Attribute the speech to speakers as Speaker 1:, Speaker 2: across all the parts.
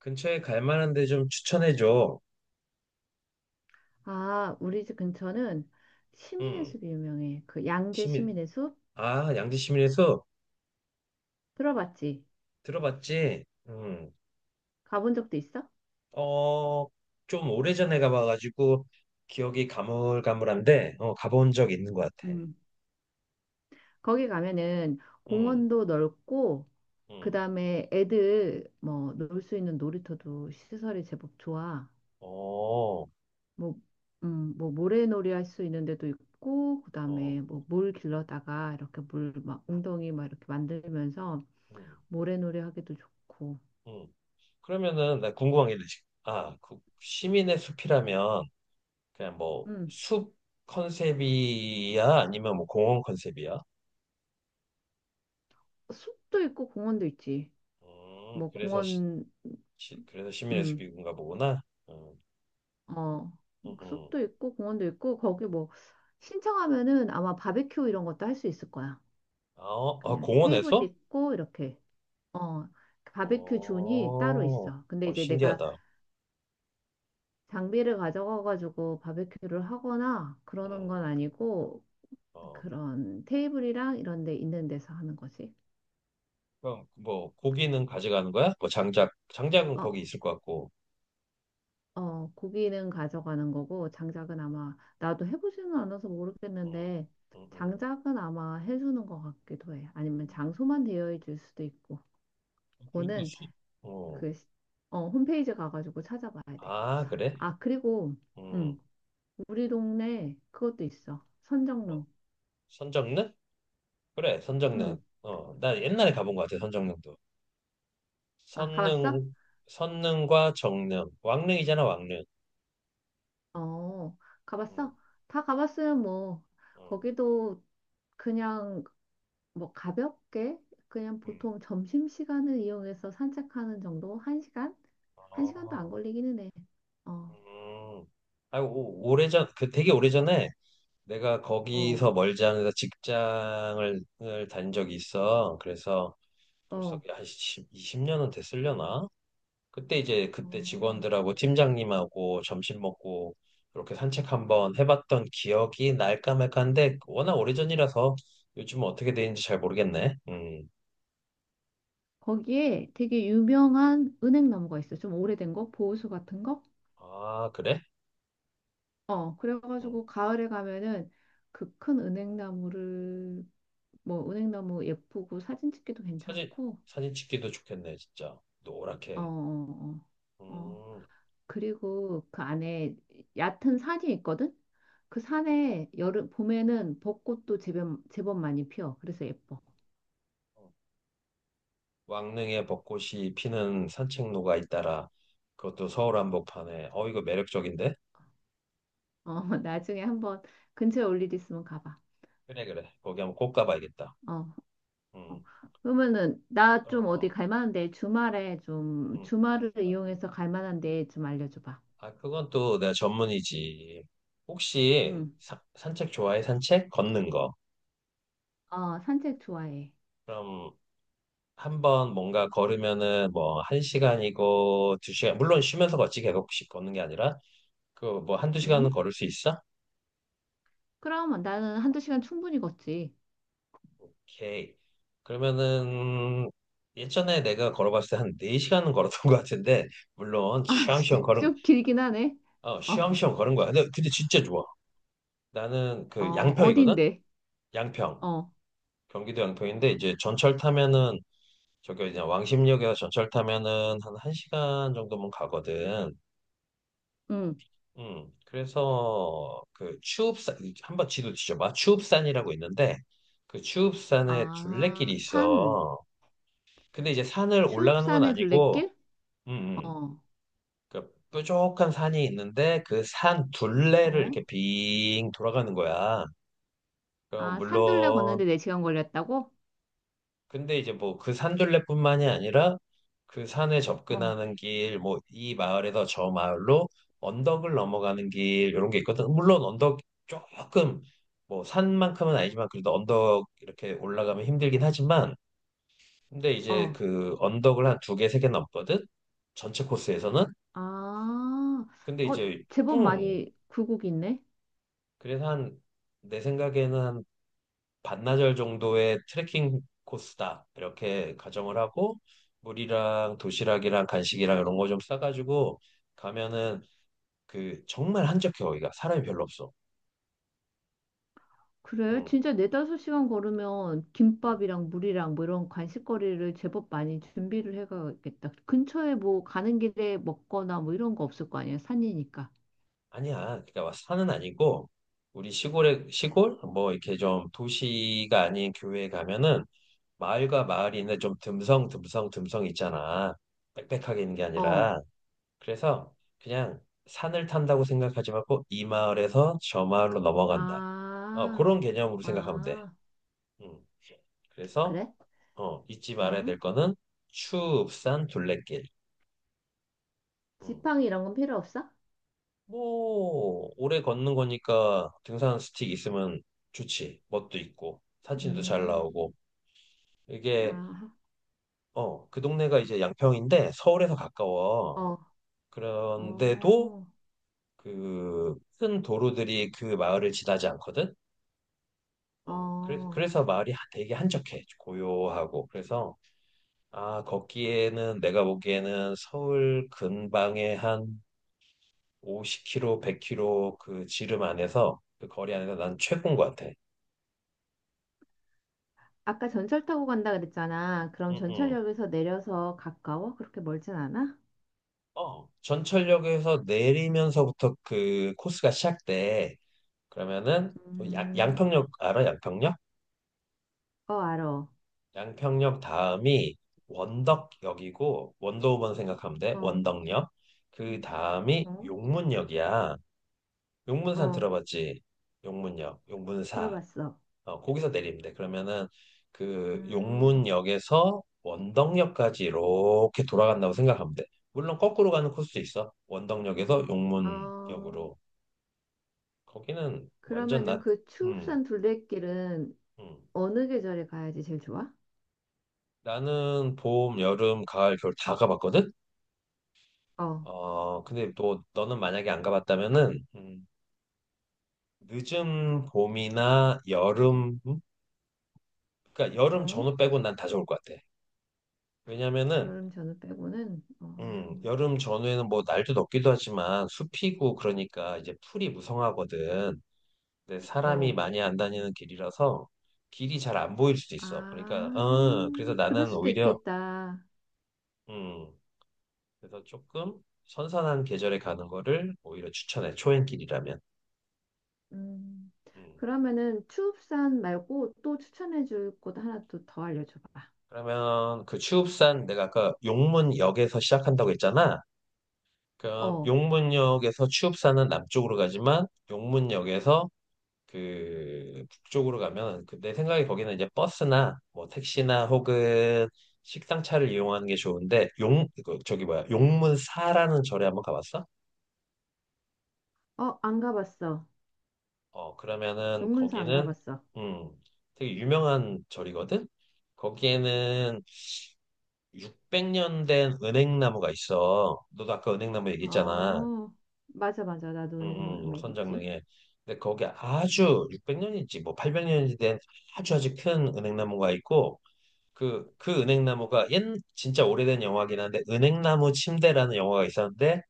Speaker 1: 근처에 갈 만한 데 좀 추천해 줘.
Speaker 2: 아, 우리 집 근처는 시민의
Speaker 1: 음,
Speaker 2: 숲이 유명해. 그 양재
Speaker 1: 시민.
Speaker 2: 시민의 숲
Speaker 1: 아, 양지 시민에서
Speaker 2: 들어봤지?
Speaker 1: 들어봤지? 음.
Speaker 2: 가본 적도 있어?
Speaker 1: 어, 좀 오래전에 가봐가지고 기억이 가물가물한데 어, 가본 적 있는 것 같아.
Speaker 2: 음. 거기 가면은
Speaker 1: 음,
Speaker 2: 공원도 넓고
Speaker 1: 음.
Speaker 2: 그다음에 애들 뭐 놀 수 있는 놀이터도 시설이 제법 좋아.
Speaker 1: 어,
Speaker 2: 뭐 뭐 모래놀이 할 수 있는 데도 있고
Speaker 1: 어,
Speaker 2: 그다음에 뭐 물 길러다가 이렇게 물 막 웅덩이 막 이렇게 만들면서
Speaker 1: 음,
Speaker 2: 모래놀이 하기도 좋고.
Speaker 1: 음. 그러면은 나 궁금한 게 있지. 아, 그 시민의 숲이라면 그냥 뭐
Speaker 2: 음.
Speaker 1: 숲 컨셉이야? 아니면 뭐 공원 컨셉이야?
Speaker 2: 숲도 있고 공원도 있지. 뭐
Speaker 1: 그래서
Speaker 2: 공원
Speaker 1: 그래서 시민해수
Speaker 2: 음.
Speaker 1: 기군가 보구나. 음,
Speaker 2: 어,
Speaker 1: 음, 음.
Speaker 2: 숲도 있고 공원도 있고 거기 뭐 신청하면은 아마 바베큐 이런 것도 할 수 있을 거야.
Speaker 1: 아, 어, 아,
Speaker 2: 그냥 테이블
Speaker 1: 공원에서?
Speaker 2: 있고 이렇게 어 바베큐
Speaker 1: 어,
Speaker 2: 존이 따로 있어. 근데
Speaker 1: 어,
Speaker 2: 이제 내가
Speaker 1: 신기하다.
Speaker 2: 장비를 가져가가지고 바베큐를 하거나
Speaker 1: 음,
Speaker 2: 그러는 건 아니고
Speaker 1: 어,
Speaker 2: 그런 테이블이랑 이런 데 있는 데서 하는 거지.
Speaker 1: 그럼 뭐 고기는 가져가는 거야? 뭐 장작은
Speaker 2: 어,
Speaker 1: 거기 있을 것 같고.
Speaker 2: 어, 고기는 가져가는 거고, 장작은 아마, 나도 해보지는 않아서
Speaker 1: 음,
Speaker 2: 모르겠는데,
Speaker 1: 음, 음,
Speaker 2: 장작은 아마 해주는 것 같기도 해. 아니면
Speaker 1: 음.
Speaker 2: 장소만 되어 있을 수도 있고,
Speaker 1: 그리고
Speaker 2: 그거는
Speaker 1: 소, 어,
Speaker 2: 그, 어, 홈페이지 가가지고 찾아봐야 돼.
Speaker 1: 아, 그래?
Speaker 2: 아, 그리고,
Speaker 1: 음,
Speaker 2: 음 우리 동네 그것도 있어.
Speaker 1: 뭐
Speaker 2: 선정릉.
Speaker 1: 선정릉? 그래,
Speaker 2: 응.
Speaker 1: 선정릉. 어, 나 옛날에 가본 것 같아, 선정릉도.
Speaker 2: 아, 가봤어?
Speaker 1: 선릉, 선릉과 정릉, 왕릉이잖아, 왕릉.
Speaker 2: 어,
Speaker 1: 음,
Speaker 2: 가봤어? 다 가봤으면 뭐,
Speaker 1: 음,
Speaker 2: 거기도 그냥 뭐 가볍게 그냥
Speaker 1: 음.
Speaker 2: 보통 점심시간을 이용해서 산책하는 정도? 한 시간? 한 시간도 안
Speaker 1: 아,
Speaker 2: 걸리기는 해. 어,
Speaker 1: 음. 아 오래전, 그 되게 오래전에 내가
Speaker 2: 어,
Speaker 1: 거기서 멀지 않은 데서 직장을 을단 적이 있어. 그래서 벌써
Speaker 2: 어,
Speaker 1: 한 10, 20년은 됐으려나? 그때 이제 그때
Speaker 2: 어.
Speaker 1: 직원들하고 팀장님하고 점심 먹고 이렇게 산책 한번 해봤던 기억이 날까 말까한데 워낙 오래전이라서 요즘은 어떻게 되는지 잘 모르겠네. 음.
Speaker 2: 거기에 되게 유명한 은행나무가 있어. 좀 오래된 거? 보호수 같은 거?
Speaker 1: 아, 그래?
Speaker 2: 어,
Speaker 1: 음.
Speaker 2: 그래가지고 가을에 가면은 그 큰 은행나무를 뭐 은행나무 예쁘고 사진 찍기도
Speaker 1: 사진,
Speaker 2: 괜찮고
Speaker 1: 사진 찍기도 좋겠네, 진짜.
Speaker 2: 어,
Speaker 1: 노랗게.
Speaker 2: 어, 어. 어.
Speaker 1: 음.
Speaker 2: 그리고 그 안에 얕은 산이 있거든? 그 산에 여름, 봄에는 벚꽃도 제법, 제법 많이 피어. 그래서 예뻐.
Speaker 1: 왕릉에 벚꽃이 피는 산책로가 잇따라 그것도 서울 한복판에 어 이거 매력적인데?
Speaker 2: 어, 나중에 한번 근처에 올 일 있으면 가봐.
Speaker 1: 그래 그래 거기 한번 꼭 가봐야겠다.
Speaker 2: 어,
Speaker 1: 음.
Speaker 2: 어. 그러면은 나 좀 어디
Speaker 1: 어.
Speaker 2: 갈 만한데 주말에 좀
Speaker 1: 음.
Speaker 2: 주말을 이용해서 갈 만한데 좀 알려줘 봐.
Speaker 1: 아 그건 또 내가 전문이지. 혹시
Speaker 2: 응.
Speaker 1: 산책 좋아해? 산책? 걷는 거.
Speaker 2: 어, 산책 좋아해.
Speaker 1: 그럼 한번 뭔가 걸으면은 뭐 한 시간이고 두 시간 물론 쉬면서 걷지 계속 걷는 게 아니라 그 뭐 한두 시간은
Speaker 2: 응?
Speaker 1: 걸을 수 있어?
Speaker 2: 그럼 나는 한두 시간 충분히 걷지.
Speaker 1: 오케이. 그러면은 예전에 내가 걸어봤을 때 한 4시간은 걸었던 것 같은데 물론
Speaker 2: 아,
Speaker 1: 쉬엄쉬엄
Speaker 2: 진짜
Speaker 1: 걸은
Speaker 2: 좀 길긴 하네.
Speaker 1: 어
Speaker 2: 어,
Speaker 1: 쉬엄쉬엄 걸은 거야. 근데 진짜 좋아. 나는
Speaker 2: 어,
Speaker 1: 그 양평이거든.
Speaker 2: 어딘데?
Speaker 1: 양평.
Speaker 2: 어,
Speaker 1: 경기도 양평인데 이제 전철 타면은 저기 그냥 왕십리역에서 전철 타면은 한 1시간 정도면 가거든.
Speaker 2: 응.
Speaker 1: 음. 그래서 그 추읍산 한번 지도 뒤져봐. 추읍산이라고 있는데 그 추읍산에 둘레길이
Speaker 2: 아, 산.
Speaker 1: 있어. 근데 이제 산을 올라가는 건
Speaker 2: 추읍산의
Speaker 1: 아니고
Speaker 2: 둘레길?
Speaker 1: 음, 음.
Speaker 2: 어,
Speaker 1: 그러니까 뾰족한 산이 있는데 그 산 둘레를
Speaker 2: 어.
Speaker 1: 이렇게 빙 돌아가는 거야. 그럼
Speaker 2: 아, 산둘레 걷는데
Speaker 1: 물론
Speaker 2: 4시간 걸렸다고?
Speaker 1: 근데 이제 뭐 그 산 둘레뿐만이 아니라 그 산에
Speaker 2: 어,
Speaker 1: 접근하는 길, 뭐 이 마을에서 저 마을로 언덕을 넘어가는 길 이런 게 있거든. 물론 언덕 조금 뭐 산만큼은 아니지만 그래도 언덕 이렇게 올라가면 힘들긴 하지만 근데 이제
Speaker 2: 어.
Speaker 1: 그 언덕을 한 두 개, 세 개 넘거든. 전체 코스에서는.
Speaker 2: 아,
Speaker 1: 근데
Speaker 2: 어,
Speaker 1: 이제
Speaker 2: 제법 많이 굴곡 있네.
Speaker 1: 그래서 한 내 생각에는 한 반나절 정도의 트레킹 코스다 이렇게 가정을 하고 물이랑 도시락이랑 간식이랑 이런 거 좀 싸가지고 가면은 그 정말 한적해 거기가 사람이 별로 없어.
Speaker 2: 그래,
Speaker 1: 응,
Speaker 2: 진짜 4, 5시간 걸으면
Speaker 1: 응.
Speaker 2: 김밥이랑 물이랑 뭐 이런 간식거리를 제법 많이 준비를 해가야겠다. 근처에 뭐 가는 길에 먹거나 뭐 이런 거 없을 거 아니야, 산이니까.
Speaker 1: 아니야. 그러니까 산은 아니고 우리 시골에 시골 뭐 이렇게 좀 도시가 아닌 교외에 가면은 마을과 마을이 있는데 좀 듬성 듬성 듬성 있잖아. 빽빽하게 있는 게
Speaker 2: 어,
Speaker 1: 아니라 그래서 그냥 산을 탄다고 생각하지 말고 이 마을에서 저 마을로 넘어간다. 어,
Speaker 2: 아,
Speaker 1: 그런 개념으로 생각하면 돼.
Speaker 2: 아,
Speaker 1: 음. 그래서
Speaker 2: 그래?
Speaker 1: 어, 잊지 말아야
Speaker 2: 어?
Speaker 1: 될 거는 추읍산 둘레길. 음.
Speaker 2: 지팡이 이런 건 필요 없어?
Speaker 1: 뭐 오래 걷는 거니까 등산 스틱 있으면 좋지. 멋도 있고 사진도 잘
Speaker 2: 음.
Speaker 1: 나오고 이게
Speaker 2: 아,
Speaker 1: 어, 그 동네가 이제 양평인데 서울에서 가까워.
Speaker 2: 어,
Speaker 1: 그런데도
Speaker 2: 어,
Speaker 1: 그 큰 도로들이 그 마을을 지나지 않거든. 어, 그래서,
Speaker 2: 어.
Speaker 1: 그래서 마을이 하- 되게 한적해, 고요하고. 그래서, 아, 걷기에는 내가 보기에는 서울 근방에 한 50km, 100km 그 지름 안에서, 그 거리 안에서 난 최고인 것 같아.
Speaker 2: 아까 전철 타고 간다 그랬잖아. 그럼
Speaker 1: 응, 응.
Speaker 2: 전철역에서 내려서 가까워? 그렇게 멀진 않아?
Speaker 1: 어, 전철역에서 내리면서부터 그 코스가 시작돼. 그러면은, 또 양,
Speaker 2: 음,
Speaker 1: 양평역, 알아? 양평역?
Speaker 2: 어, 알어.
Speaker 1: 양평역 다음이 원덕역이고, 원도우번 생각하면 돼.
Speaker 2: 어,
Speaker 1: 원덕역. 그
Speaker 2: 음,
Speaker 1: 다음이
Speaker 2: 어,
Speaker 1: 용문역이야. 용문산
Speaker 2: 어,
Speaker 1: 들어봤지? 용문역, 용문사.
Speaker 2: 들어봤어.
Speaker 1: 어, 거기서 내리면 돼. 그러면은 그
Speaker 2: 음,
Speaker 1: 용문역에서 원덕역까지 이렇게 돌아간다고 생각하면 돼. 물론 거꾸로 가는 코스도 있어. 원덕역에서
Speaker 2: 어,
Speaker 1: 용문역으로. 거기는 완전
Speaker 2: 그러면은
Speaker 1: 나,
Speaker 2: 그
Speaker 1: 음,
Speaker 2: 추읍산 둘레길은
Speaker 1: 음.
Speaker 2: 어느 계절에 가야지 제일 좋아?
Speaker 1: 나는 봄, 여름, 가을, 겨울 다 가봤거든?
Speaker 2: 어,
Speaker 1: 어, 근데 또 너는 만약에 안 가봤다면은, 늦은 봄이나 여름, 음? 그러니까 여름
Speaker 2: 어,
Speaker 1: 전후 빼고 난 다 좋을 것 같아. 왜냐면은
Speaker 2: 여름 전후 빼고는, 어,
Speaker 1: 여름 전후에는 뭐 날도 덥기도 하지만 숲이고 그러니까 이제 풀이 무성하거든. 근데 사람이
Speaker 2: 어,
Speaker 1: 많이 안 다니는 길이라서 길이 잘 안 보일 수도 있어. 그러니까,
Speaker 2: 아,
Speaker 1: 어, 그래서
Speaker 2: 그럴
Speaker 1: 나는
Speaker 2: 수도
Speaker 1: 오히려,
Speaker 2: 있겠다.
Speaker 1: 음, 그래서 조금 선선한 계절에 가는 거를 오히려 추천해. 초행길이라면.
Speaker 2: 음,
Speaker 1: 음.
Speaker 2: 그러면은 추읍산 말고 또 추천해줄 곳 하나 또 더 알려줘봐.
Speaker 1: 그러면 그 추읍산 내가 아까 용문역에서 시작한다고 했잖아. 그
Speaker 2: 어,
Speaker 1: 용문역에서 추읍산은 남쪽으로 가지만 용문역에서 그 북쪽으로 가면 그 내 생각에 거기는 이제 버스나 뭐 택시나 혹은 식상차를 이용하는 게 좋은데 용 그 저기 뭐야 용문사라는 절에 한번 가봤어?
Speaker 2: 어, 안 가봤어.
Speaker 1: 어 그러면은
Speaker 2: 용문사 안
Speaker 1: 거기는
Speaker 2: 가봤어.
Speaker 1: 음 되게 유명한 절이거든. 거기에는 600년 된 은행나무가 있어. 너도 아까 은행나무 얘기했잖아.
Speaker 2: 어, 맞아, 맞아. 나도 은행맥이지.
Speaker 1: 선장릉에. 근데 거기 아주 600년인지 뭐 800년인지 된 아주 큰 은행나무가 있고 그 은행나무가 옛, 진짜 오래된 영화긴 한데, 은행나무 침대라는 영화가 있었는데,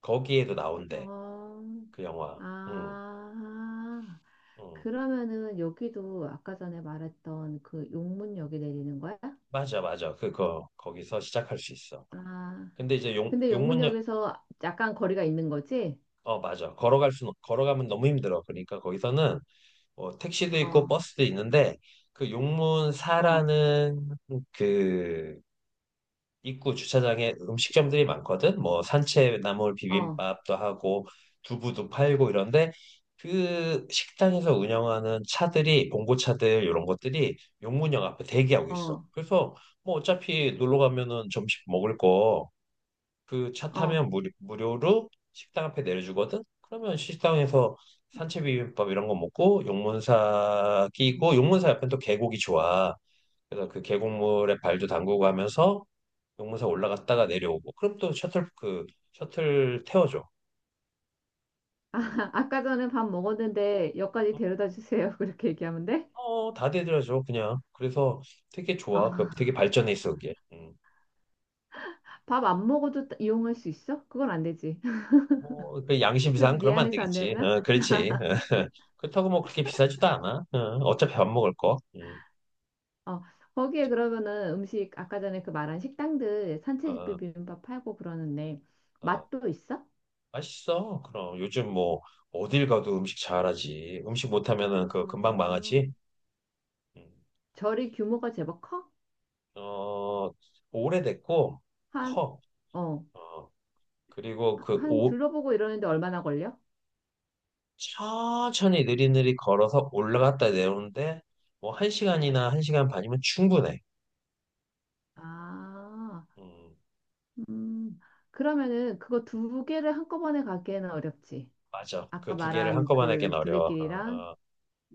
Speaker 1: 거기에도 나온대,
Speaker 2: 어,
Speaker 1: 그 영화. 응,
Speaker 2: 아,
Speaker 1: 응.
Speaker 2: 그러면은 여기도 아까 전에 말했던 그 용문역에 내리는 거야?
Speaker 1: 맞아, 맞아. 그거, 거기서 시작할 수 있어.
Speaker 2: 아,
Speaker 1: 근데 이제 용,
Speaker 2: 근데
Speaker 1: 용문역,
Speaker 2: 용문역에서 약간 거리가 있는 거지?
Speaker 1: 어, 맞아. 걸어갈 수, 걸어가면 너무 힘들어. 그러니까 거기서는 뭐 택시도 있고
Speaker 2: 어,
Speaker 1: 버스도 있는데, 그
Speaker 2: 어,
Speaker 1: 용문사라는 그 입구 주차장에 음식점들이 많거든. 뭐 산채나물
Speaker 2: 어,
Speaker 1: 비빔밥도 하고 두부도 팔고 이런데 그 식당에서 운영하는 차들이 봉고차들 이런 것들이 용문역 앞에 대기하고 있어.
Speaker 2: 어,
Speaker 1: 그래서 뭐 어차피 놀러 가면은 점심 먹을 거 그 차
Speaker 2: 어.
Speaker 1: 타면 무료로 식당 앞에 내려주거든. 그러면 식당에서 산채 비빔밥 이런 거 먹고 용문사
Speaker 2: 음.
Speaker 1: 끼고 용문사 옆엔 또 계곡이 좋아. 그래서 그 계곡물에 발도 담그고 하면서 용문사 올라갔다가 내려오고 그럼 또 셔틀 태워줘. 음.
Speaker 2: 아, 아까 전에 밥 먹었는데 역까지 데려다 주세요. 그렇게 얘기하면 돼?
Speaker 1: 어, 다 대드려줘 그냥. 그래서 되게 좋아. 그 되게
Speaker 2: 아,
Speaker 1: 발전해 있어 그게. 음.
Speaker 2: 밥 안 먹어도 이용할 수 있어? 그건 안 되지.
Speaker 1: 뭐, 그 양심상
Speaker 2: 좀
Speaker 1: 그러면 안
Speaker 2: 미안해서 안
Speaker 1: 되겠지.
Speaker 2: 되나?
Speaker 1: 어, 그렇지. 어, 그렇다고 뭐 그렇게 비싸지도 않아. 어, 어차피 밥 먹을 거. 음.
Speaker 2: 어, 거기에 그러면은 음식 아까 전에 그 말한 식당들 산채집
Speaker 1: 어,
Speaker 2: 비빔밥 팔고 그러는데
Speaker 1: 어,
Speaker 2: 맛도 있어?
Speaker 1: 맛있어. 그럼 요즘 뭐 어딜 가도 음식 잘하지. 음식 못하면은 그 금방
Speaker 2: 음,
Speaker 1: 망하지. 음.
Speaker 2: 절이 규모가 제법 커?
Speaker 1: 어, 오래됐고
Speaker 2: 한,
Speaker 1: 커.
Speaker 2: 어,
Speaker 1: 어, 그리고 그
Speaker 2: 한
Speaker 1: 오,
Speaker 2: 둘러보고 이러는데 얼마나 걸려?
Speaker 1: 천천히 느리느리 걸어서 올라갔다 내오는데 뭐 한 시간이나 한 시간 반이면 충분해.
Speaker 2: 아,
Speaker 1: 음,
Speaker 2: 음, 그러면은 그거 두 개를 한꺼번에 가기에는 어렵지.
Speaker 1: 맞아.
Speaker 2: 아까
Speaker 1: 그 두 개를
Speaker 2: 말한
Speaker 1: 한꺼번에 하긴
Speaker 2: 그
Speaker 1: 어려워. 어,
Speaker 2: 둘레길이랑
Speaker 1: 어.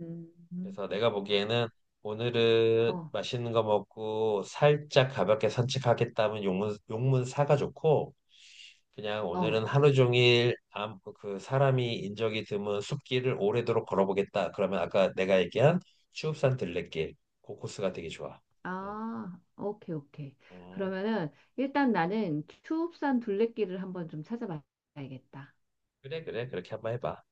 Speaker 2: 음.
Speaker 1: 그래서 내가 보기에는 오늘은
Speaker 2: 어,
Speaker 1: 맛있는 거 먹고 살짝 가볍게 산책하겠다면 용문 사가 좋고 그냥
Speaker 2: 어.
Speaker 1: 오늘은 하루 종일 아무- 그 사람이 인적이 드문 숲길을 오래도록 걸어보겠다. 그러면 아까 내가 얘기한 추읍산 들레길 그 코스가 되게 좋아. 음,
Speaker 2: 아, 오케이, 오케이.
Speaker 1: 음.
Speaker 2: 그러면은 일단 나는 추읍산 둘레길을 한번 좀 찾아봐야겠다.
Speaker 1: 그래, 그래. 그렇게 한번 해봐.